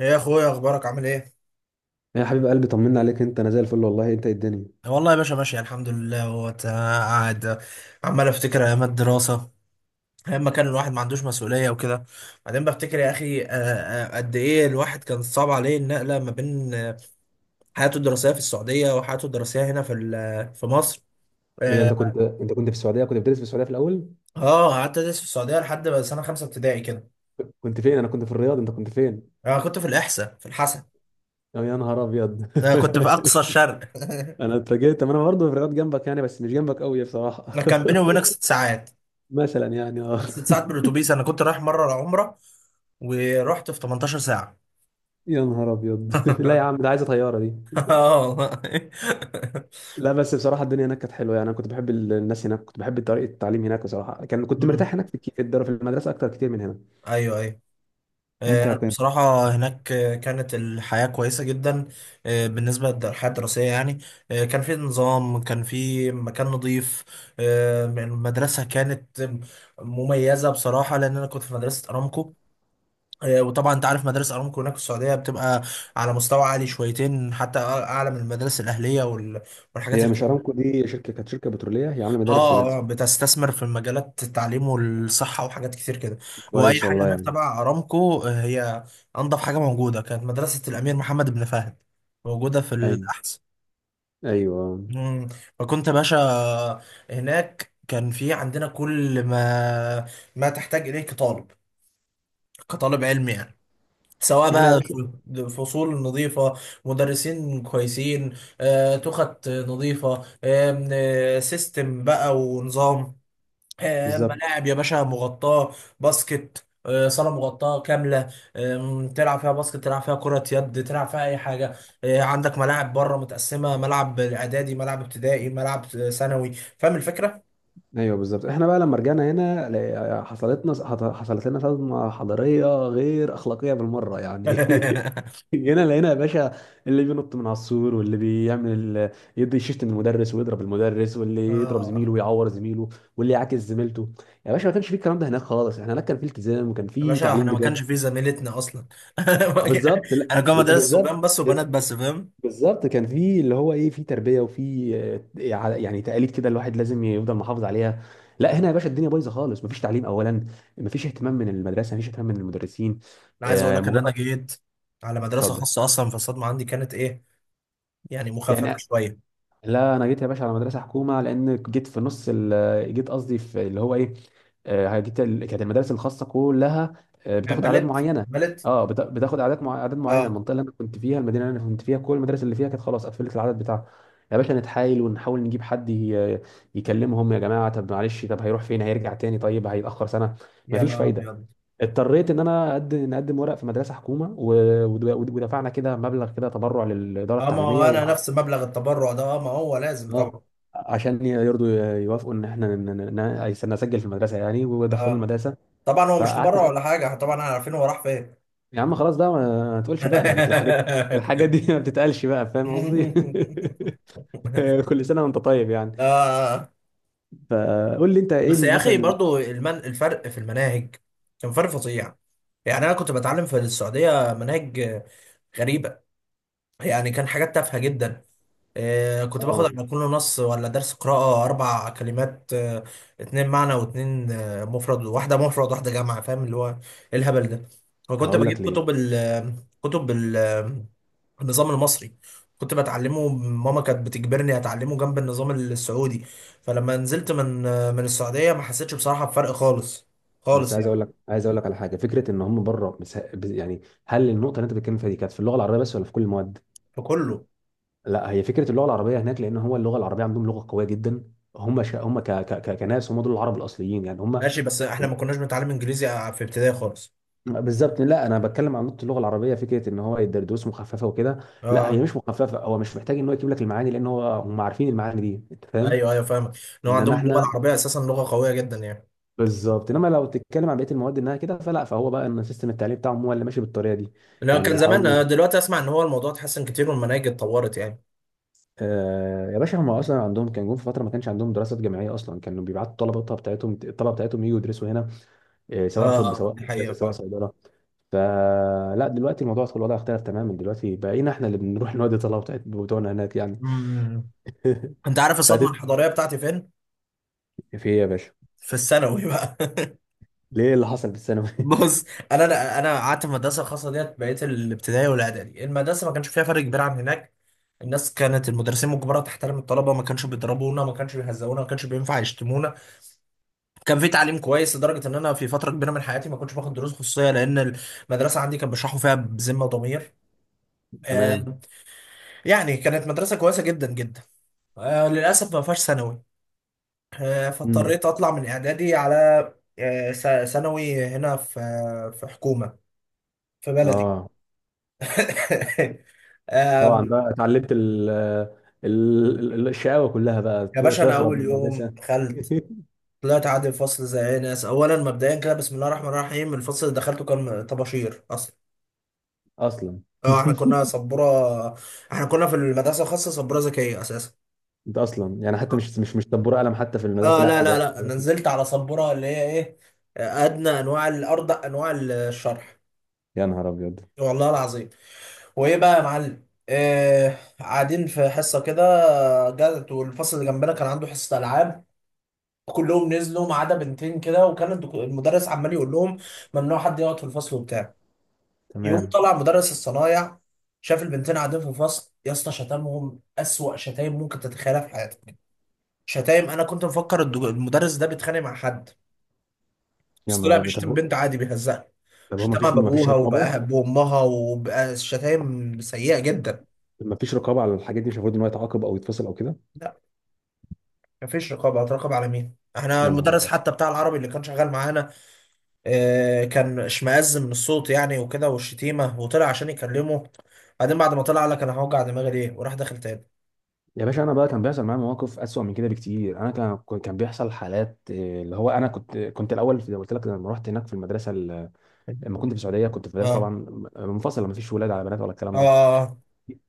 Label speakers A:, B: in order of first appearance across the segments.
A: ايه يا اخويا، اخبارك؟ عامل ايه؟
B: يا حبيب قلبي، طمنا عليك. انت انا زي الفل والله. انت ايه الدنيا؟
A: والله يا باشا ماشي الحمد لله. هو قاعد عمال افتكر ايام الدراسه، ايام ما كان الواحد ما عندوش مسؤوليه وكده. بعدين بفتكر يا اخي قد ايه الواحد كان صعب عليه النقله ما بين حياته الدراسيه في السعوديه وحياته الدراسيه هنا في في مصر.
B: ايه ده؟ انت
A: اه.
B: كنت انت كنت في السعوديه، كنت بتدرس في السعوديه في الاول؟
A: قعدت ادرس في السعوديه لحد بقى سنه خمسه ابتدائي كده.
B: كنت فين؟ انا كنت في الرياض، انت كنت فين؟
A: انا كنت في الاحساء، في الحسن.
B: أو يا نهار ابيض!
A: انا كنت في اقصى الشرق.
B: انا اتفاجئت. طب انا برضه في الرياض جنبك يعني، بس مش جنبك قوي بصراحه.
A: انا كان بيني وبينك ست ساعات،
B: مثلا يعني
A: ست ساعات بالاتوبيس. انا كنت رايح مره عمره، ورحت في 18 ساعه.
B: يا نهار ابيض! لا يا عم، ده عايزه طياره دي.
A: اه والله.
B: لا بس بصراحه الدنيا هناك كانت حلوه يعني، انا كنت بحب الناس هناك، كنت بحب طريقه التعليم هناك بصراحه، كنت
A: مم.
B: مرتاح هناك في الك- في الدار- في المدرسه اكتر كتير من هنا.
A: ايوه ايوه.
B: انت
A: انا
B: كنت...
A: بصراحه هناك كانت الحياه كويسه جدا. بالنسبه للحياه الدراسيه يعني، كان في نظام، كان في مكان نظيف. المدرسه كانت مميزه بصراحه، لان انا كنت في مدرسه ارامكو. وطبعا انت عارف مدارس ارامكو هناك في السعوديه بتبقى على مستوى عالي شويتين، حتى اعلى من المدارس الاهليه والحاجات
B: هي
A: اللي.
B: مش ارامكو دي شركه، كانت شركه بتروليه هي عامله مدارس هناك
A: اه،
B: صح؟
A: بتستثمر في مجالات التعليم والصحه وحاجات كتير كده. واي
B: كويس
A: حاجه
B: والله
A: هناك
B: يعني.
A: تبع ارامكو هي انضف حاجه موجوده. كانت مدرسه الامير محمد بن فهد موجوده في
B: أيوة.
A: الاحسن.
B: ايوه.
A: مم. فكنت يا باشا هناك كان في عندنا كل ما تحتاج اليه كطالب، كطالب علمي يعني. سواء
B: احنا يا
A: بقى
B: باشا...
A: فصول نظيفة، مدرسين كويسين، تخت نظيفة، آم، آه، سيستم بقى ونظام،
B: بالظبط.
A: ملاعب يا باشا مغطاة، باسكت، صالة مغطاة كاملة، تلعب فيها باسكت، تلعب فيها كرة يد، تلعب فيها أي حاجة. عندك ملاعب بره متقسمة، ملعب إعدادي، ملعب ابتدائي، ملعب ثانوي. فاهم الفكرة؟
B: ايوه، بالظبط. احنا بقى لما رجعنا هنا حصلت لنا صدمه حضاريه غير اخلاقيه بالمره يعني. جينا لقينا يا باشا اللي بينط من على السور، واللي بيعمل يدي شيشت من المدرس ويضرب المدرس، واللي يضرب
A: آه
B: زميله ويعور زميله، واللي يعاكس زميلته. يا باشا، ما كانش في الكلام ده هناك خالص. احنا هناك كان في التزام، وكان
A: يا
B: في
A: باشا،
B: تعليم
A: احنا ما
B: بجد.
A: كانش في زميلتنا اصلا.
B: اه، بالظبط.
A: انا
B: لا
A: كان
B: لا،
A: مدرسه صبيان
B: بالظبط.
A: بس وبنات بس، فاهم.
B: بالظبط، كان في اللي هو ايه، في تربيه وفي يعني تقاليد كده الواحد لازم يفضل محافظ عليها. لا هنا يا باشا الدنيا بايظه خالص. مفيش تعليم اولا، مفيش اهتمام من المدرسه، مفيش اهتمام من المدرسين.
A: انا عايز اقول لك ان انا
B: مجرد...
A: جيت على مدرسه
B: اتفضل.
A: خاصه اصلا، فالصدمه عندي كانت ايه يعني، مخففه
B: يعني...
A: شويه.
B: لا انا جيت يا باشا على مدرسه حكومه، لان جيت في نص جيت قصدي في اللي هو ايه. كانت المدارس الخاصه كلها بتاخد اعداد
A: بلت
B: معينه.
A: بلت
B: اه، بتاخد اعداد اعداد معينه.
A: اه.
B: المنطقه اللي انا كنت فيها، المدينه اللي انا كنت فيها، كل المدارس اللي فيها كانت خلاص قفلت العدد بتاعها. يا باشا نتحايل ونحاول نجيب حد يكلمهم، يا جماعه طب معلش، طب هيروح فين؟ هيرجع تاني؟ طيب هيتاخر سنه.
A: يا
B: مفيش
A: نهار
B: فايده.
A: ابيض.
B: اضطريت ان انا نقدم ورق في مدرسه حكومه و... ود- ودفعنا كده مبلغ كده تبرع للاداره
A: اه، ما هو
B: التعليميه.
A: انا نفس مبلغ التبرع ده، اه ما هو لازم
B: اه،
A: طبعا.
B: عشان يرضوا يوافقوا ان احنا نسجل في المدرسه يعني، ودخلوا
A: اه.
B: المدرسه.
A: طبعا هو مش
B: فقعدت
A: تبرع ولا حاجه، احنا طبعا احنا عارفين هو راح فين.
B: يا عم خلاص بقى، ما تقولش بقى يعني الحاجات. الحاجات دي ما بتتقالش بقى، فاهم قصدي؟ كل سنه وانت طيب يعني.
A: اه.
B: فقول لي انت ايه
A: بس
B: اللي
A: يا اخي
B: مثلا...
A: برضو الفرق في المناهج كان فرق فظيع. يعني انا كنت بتعلم في السعوديه مناهج غريبه، يعني كان حاجات تافهه جدا. كنت باخد
B: اه.
A: على كل نص ولا درس قراءة أربع كلمات، اتنين معنى واتنين مفرد، واحدة مفرد واحدة جمع، فاهم اللي هو إيه الهبل ده. وكنت
B: هقول
A: بجيب
B: لك
A: كتب
B: ليه.
A: ال كتب ال آه، النظام المصري، كنت بتعلمه. ماما كانت بتجبرني أتعلمه جنب النظام السعودي، فلما نزلت من من السعودية ما حسيتش بصراحة بفرق خالص،
B: بس
A: خالص
B: عايز
A: يعني.
B: اقول لك عايز اقول لك على حاجه. فكره ان هم بره يعني، هل النقطه اللي انت بتتكلم فيها دي كانت في اللغه العربيه بس، ولا في كل المواد؟
A: في كله.
B: لا، هي فكره اللغه العربيه هناك، لان هو اللغه العربيه عندهم لغه قويه جدا. هم ش... هم ك... ك... ك... كناس، هم دول العرب الاصليين يعني، هم
A: ماشي، بس احنا ما
B: ال-
A: كناش بنتعلم انجليزي في ابتدائي خالص.
B: بالظبط. لا، انا بتكلم عن نقطه اللغه العربيه، فكره ان هو دروس مخففه وكده. لا هي
A: اه.
B: مش مخففه، هو مش محتاج ان هو يجيب لك المعاني، لان هو هم عارفين المعاني دي، انت فاهم.
A: ايوه ايوه، فاهمك. ان هو عندهم
B: انما
A: اللغه
B: احنا...
A: العربيه اساسا لغه قويه جدا يعني.
B: بالظبط. انما لو تتكلم عن بقيه المواد انها كده فلا، فهو بقى ان سيستم التعليم بتاعهم هو اللي ماشي بالطريقه دي.
A: لو
B: يعني
A: كان زمان
B: بيحاولوا.
A: دلوقتي اسمع ان هو الموضوع اتحسن كتير والمناهج اتطورت يعني.
B: آه يا باشا، هم اصلا عندهم كان جم في فتره ما كانش عندهم دراسات جامعيه اصلا، كانوا بيبعتوا الطلبه بتاعتهم يجوا يدرسوا هنا. إيه،
A: اه،
B: سواء طب، سواء
A: دي حقيقه
B: هندسه، سواء
A: فعلا.
B: صيدله. فلا دلوقتي الموضوع في الوضع اختلف تماما، دلوقتي بقينا احنا اللي بنروح نودي طلبه بتوعنا هناك يعني.
A: أمم. انت عارف الصدمه
B: فهتبقى...
A: الحضاريه بتاعتي فين؟
B: ايه؟ في ايه يا باشا؟
A: في الثانوي بقى.
B: ليه اللي حصل في الثانوي؟
A: بص، انا قعدت في المدرسه الخاصه ديت بقيت الابتدائي والاعدادي. المدرسه ما كانش فيها فرق كبير عن هناك. الناس كانت، المدرسين مجبره تحترم الطلبه، ما كانش بيضربونا، ما كانش بيهزقونا، ما كانش بينفع يشتمونا. كان في تعليم كويس لدرجه ان انا في فتره كبيره من حياتي ما كنتش باخد دروس خصوصيه، لان المدرسه عندي كان بيشرحوا فيها بذمه وضمير. آه،
B: تمام.
A: يعني كانت مدرسه كويسه جدا جدا. للاسف ما فيهاش ثانوي،
B: امم.
A: فاضطريت اطلع من اعدادي على ثانوي هنا في في حكومه، في بلدي.
B: اه، طبعا
A: آم،
B: بقى اتعلمت ال... الشقاوه كلها بقى.
A: يا باشا انا
B: تهرب
A: اول
B: من
A: يوم
B: المدرسه.
A: دخلت، طلعت عادي الفصل زي اي ناس. اولا مبدئيا كده، بسم الله الرحمن الرحيم، الفصل اللي دخلته كان طباشير اصلا.
B: اصلا.
A: اه، احنا كنا سبوره، احنا كنا في المدرسه الخاصه سبوره ذكيه اساسا.
B: انت اصلا يعني حتى مش طبور قلم حتى في المدرسه
A: اه
B: لا
A: لا لا
B: جاب.
A: لا، انا نزلت على سبوره اللي هي ايه، ادنى انواع الارض، انواع الشرح.
B: يا نهار ابيض!
A: والله العظيم. وايه بقى يا معلم، قاعدين في حصه كده، جت والفصل اللي جنبنا كان عنده حصه العاب، كلهم نزلوا ما عدا بنتين كده، وكان المدرس عمال يقول لهم ممنوع حد يقعد في الفصل وبتاع. يقوم
B: تمام.
A: طلع مدرس الصنايع، شاف البنتين قاعدين في فصل، يا اسطى شتمهم اسوأ شتايم ممكن تتخيلها في حياتك. شتايم انا كنت مفكر المدرس ده بيتخانق مع حد،
B: يا
A: بس طلع
B: نهار ابيض!
A: بيشتم بنت عادي، بيهزقها.
B: طب هو ما
A: شتمها
B: فيش ما فيش
A: بابوها
B: رقابه؟
A: بامها وبقى شتايم سيئة جدا.
B: ما فيش رقابه على الحاجات دي؟ مش المفروض ان هو يتعاقب او يتفصل او كده؟
A: لا مفيش رقابة. هتراقب على مين؟ احنا
B: يا نهار
A: المدرس
B: ابيض!
A: حتى بتاع العربي اللي كان شغال معانا، اه كان اشمئز من الصوت يعني وكده والشتيمة، وطلع عشان يكلمه. بعدين بعد ما طلع قال لك انا هوجع دماغي ليه، وراح داخل تاني.
B: يا باشا انا بقى كان بيحصل معايا مواقف اسوأ من كده بكتير. انا كان بيحصل حالات إيه، اللي هو انا كنت الاول زي ما قلت لك لما رحت هناك في المدرسه لما كنت في السعوديه كنت في مدرسه
A: اه
B: طبعا منفصله، ما فيش ولاد على بنات ولا الكلام ده.
A: اه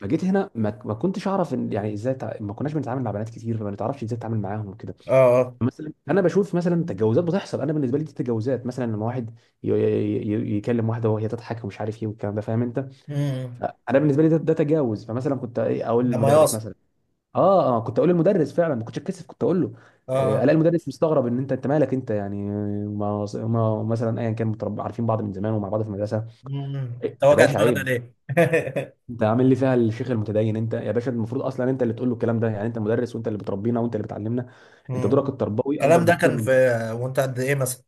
B: فجيت هنا ما كنتش اعرف يعني ازاي ما كناش بنتعامل مع بنات كتير، فما نتعرفش ازاي نتعامل معاهم وكده.
A: اه.
B: مثلا انا بشوف مثلا تجاوزات بتحصل. انا بالنسبه لي دي تجاوزات مثلا لما واحد يكلم واحده وهي تضحك ومش عارف ايه والكلام ده، فاهم انت؟
A: امم.
B: انا بالنسبه لي ده تجاوز. فمثلا كنت إيه اقول
A: ده
B: للمدرس
A: مياصة.
B: مثلا. اه اه، كنت اقول للمدرس فعلا، ما كنتش اتكسف كنت اقول له.
A: اه.
B: الاقي المدرس مستغرب ان انت مالك انت يعني، ما مثلا ايا كان متربى، عارفين بعض من زمان ومع بعض في المدرسه.
A: امم،
B: إيه يا
A: توجع
B: باشا،
A: دماغنا
B: عيب.
A: ليه.
B: انت عامل لي فيها الشيخ المتدين؟ انت يا باشا المفروض اصلا انت اللي تقول له الكلام ده، يعني انت مدرس، وانت اللي بتربينا، وانت اللي بتعلمنا. انت
A: امم.
B: دورك التربوي اكبر
A: الكلام ده
B: بكتير.
A: كان في. وانت قد ايه مثلا؟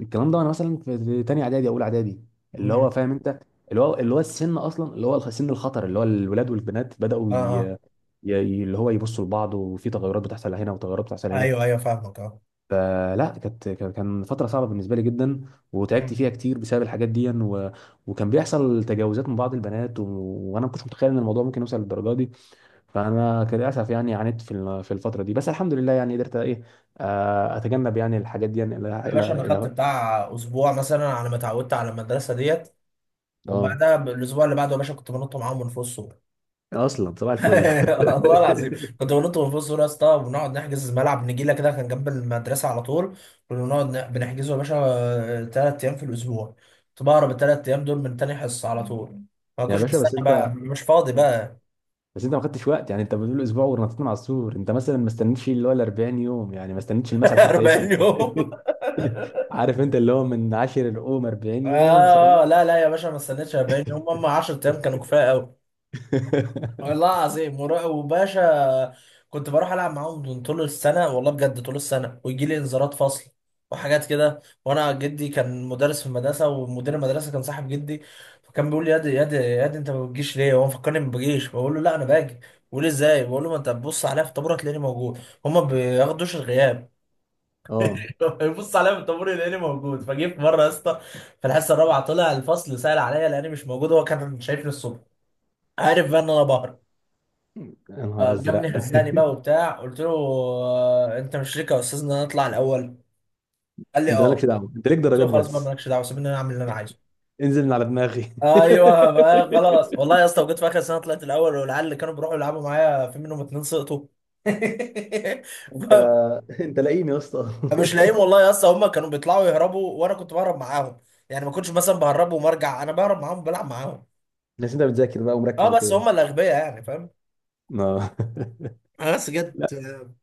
B: الكلام ده وانا مثلا في تانية اعدادي، اولى اعدادي، اللي
A: امم.
B: هو فاهم انت؟ اللي هو السن اصلا، اللي هو سن الخطر، اللي هو الولاد والبنات
A: اه
B: بداوا
A: اه،
B: ي- اللي هو يبصوا لبعض، وفي تغيرات بتحصل هنا، وتغيرات بتحصل هنا.
A: ايوه ايوه فاهمك، اه.
B: فلا كانت كان كان فتره صعبه بالنسبه لي جدا. وتعبت
A: امم.
B: فيها كتير بسبب الحاجات دي و... وكان بيحصل تجاوزات من بعض البنات و... وانا ما كنتش متخيل ان الموضوع ممكن يوصل للدرجه دي. فانا كان للاسف يعني عانيت في في الفتره دي، بس الحمد لله يعني قدرت ايه، اتجنب يعني الحاجات دي يعني. الى...
A: يا باشا انا خدت
B: إلى...
A: بتاع اسبوع مثلا على ما اتعودت على المدرسه ديت،
B: اه،
A: وبعدها الاسبوع اللي بعده يا باشا كنت بنط معاهم من فوق السور.
B: اصلا صباح الفل.
A: والله العظيم كنت بنط من فوق السور يا اسطى، وبنقعد نحجز ملعب نجيله كده كان جنب المدرسه على طول. كنا بنقعد بنحجزه يا باشا ثلاث ايام في الاسبوع. كنت بهرب الثلاث ايام دول من تاني حصه على طول، ما
B: يا
A: كنتش
B: باشا
A: بستنى
B: بس
A: بقى،
B: انت...
A: مش فاضي بقى.
B: بس انت ما خدتش وقت يعني، انت بتقول اسبوع ورنطتنا على السور. انت مثلا ما استنيتش اللي هو ال 40 يوم، يعني ما استنيتش المثل حتى
A: 40
B: يكمل.
A: يوم؟
B: عارف انت اللي هو من عاشر القوم 40 يوم صار
A: آه لا لا يا باشا ما استنيتش 40 يوم، هم 10 ايام كانوا كفايه قوي. والله العظيم، وباشا كنت بروح العب معاهم من طول السنه، والله بجد طول السنه، ويجي لي انذارات فصل وحاجات كده. وانا جدي كان مدرس في المدرسه، ومدير المدرسه كان صاحب جدي، فكان بيقول لي يا دي يا دي يا دي انت ما بتجيش ليه. هو مفكرني ما بجيش، بقول له لا انا باجي. بيقول لي ازاي، بقول له ما انت بتبص عليا في الطابور هتلاقيني موجود. هما ما بياخدوش الغياب.
B: اه.
A: يبص عليا في الطابور يلاقيني موجود. فجه في مره يا اسطى في الحصه الرابعه طلع الفصل، سال عليا، لاني مش موجود. هو كان شايفني الصبح، عارف بقى ان انا بهرب،
B: يا نهار ازرق!
A: فجابني هزاني بقى وبتاع. قلت له انت مش ليك يا استاذ ان انا اطلع الاول. قال لي
B: انت
A: اه.
B: مالكش دعوه، انت ليك
A: قلت له
B: درجات
A: خلاص بقى
B: بس.
A: مالكش دعوه، سيبني انا اعمل اللي انا عايزه.
B: انزل من على دماغي.
A: ايوه بقى، خلاص. والله يا اسطى، وجيت في اخر سنه طلعت الاول، والعيال اللي كانوا بيروحوا يلعبوا معايا في منهم اتنين سقطوا.
B: انت
A: ف-
B: انت لاقيني يا اسطى؟
A: مش لاقيهم، والله يا اسطى هم كانوا بيطلعوا يهربوا وانا كنت بهرب معاهم، يعني ما كنتش مثلا بهرب ومرجع، انا بهرب معاهم، بلعب معاهم.
B: بس انت بتذاكر بقى ومركز
A: اه، بس
B: وكده.
A: هم الاغبياء يعني، فاهم.
B: اه.
A: آه، بس جت آه،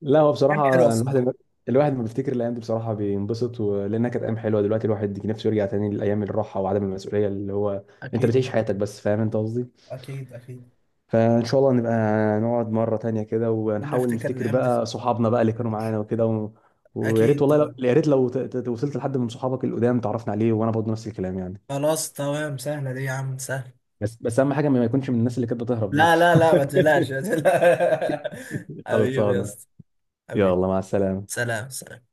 B: لا، هو
A: ايام حلوه
B: بصراحة
A: الصراحه.
B: الواحد لما بيفتكر الأيام دي بصراحة بينبسط و... لأنها كانت أيام حلوة. دلوقتي الواحد نفسه يرجع تاني لأيام الراحة وعدم المسؤولية، اللي هو أنت
A: اكيد
B: بتعيش
A: طبعا.
B: حياتك بس، فاهم أنت قصدي؟
A: اكيد اكيد.
B: فإن شاء الله نبقى نقعد مرة تانية كده،
A: كنا
B: ونحاول
A: نفتكر
B: نفتكر
A: الايام دي.
B: بقى صحابنا بقى اللي كانوا معانا وكده و... ويا ريت
A: اكيد
B: والله لو...
A: طبعا.
B: يا ريت لو وصلت لحد من صحابك القدام تعرفنا عليه، وأنا برضه نفس الكلام يعني.
A: خلاص تمام، سهله دي يا عم، سهله.
B: بس أهم حاجة ما يكونش من الناس اللي كانت بتهرب دول.
A: لا لا لا، ما تقلقش ما تقلقش. حبيبي يا
B: خلصانة.
A: اسطى. حبيبي.
B: يلا مع السلامة.
A: سلام سلام.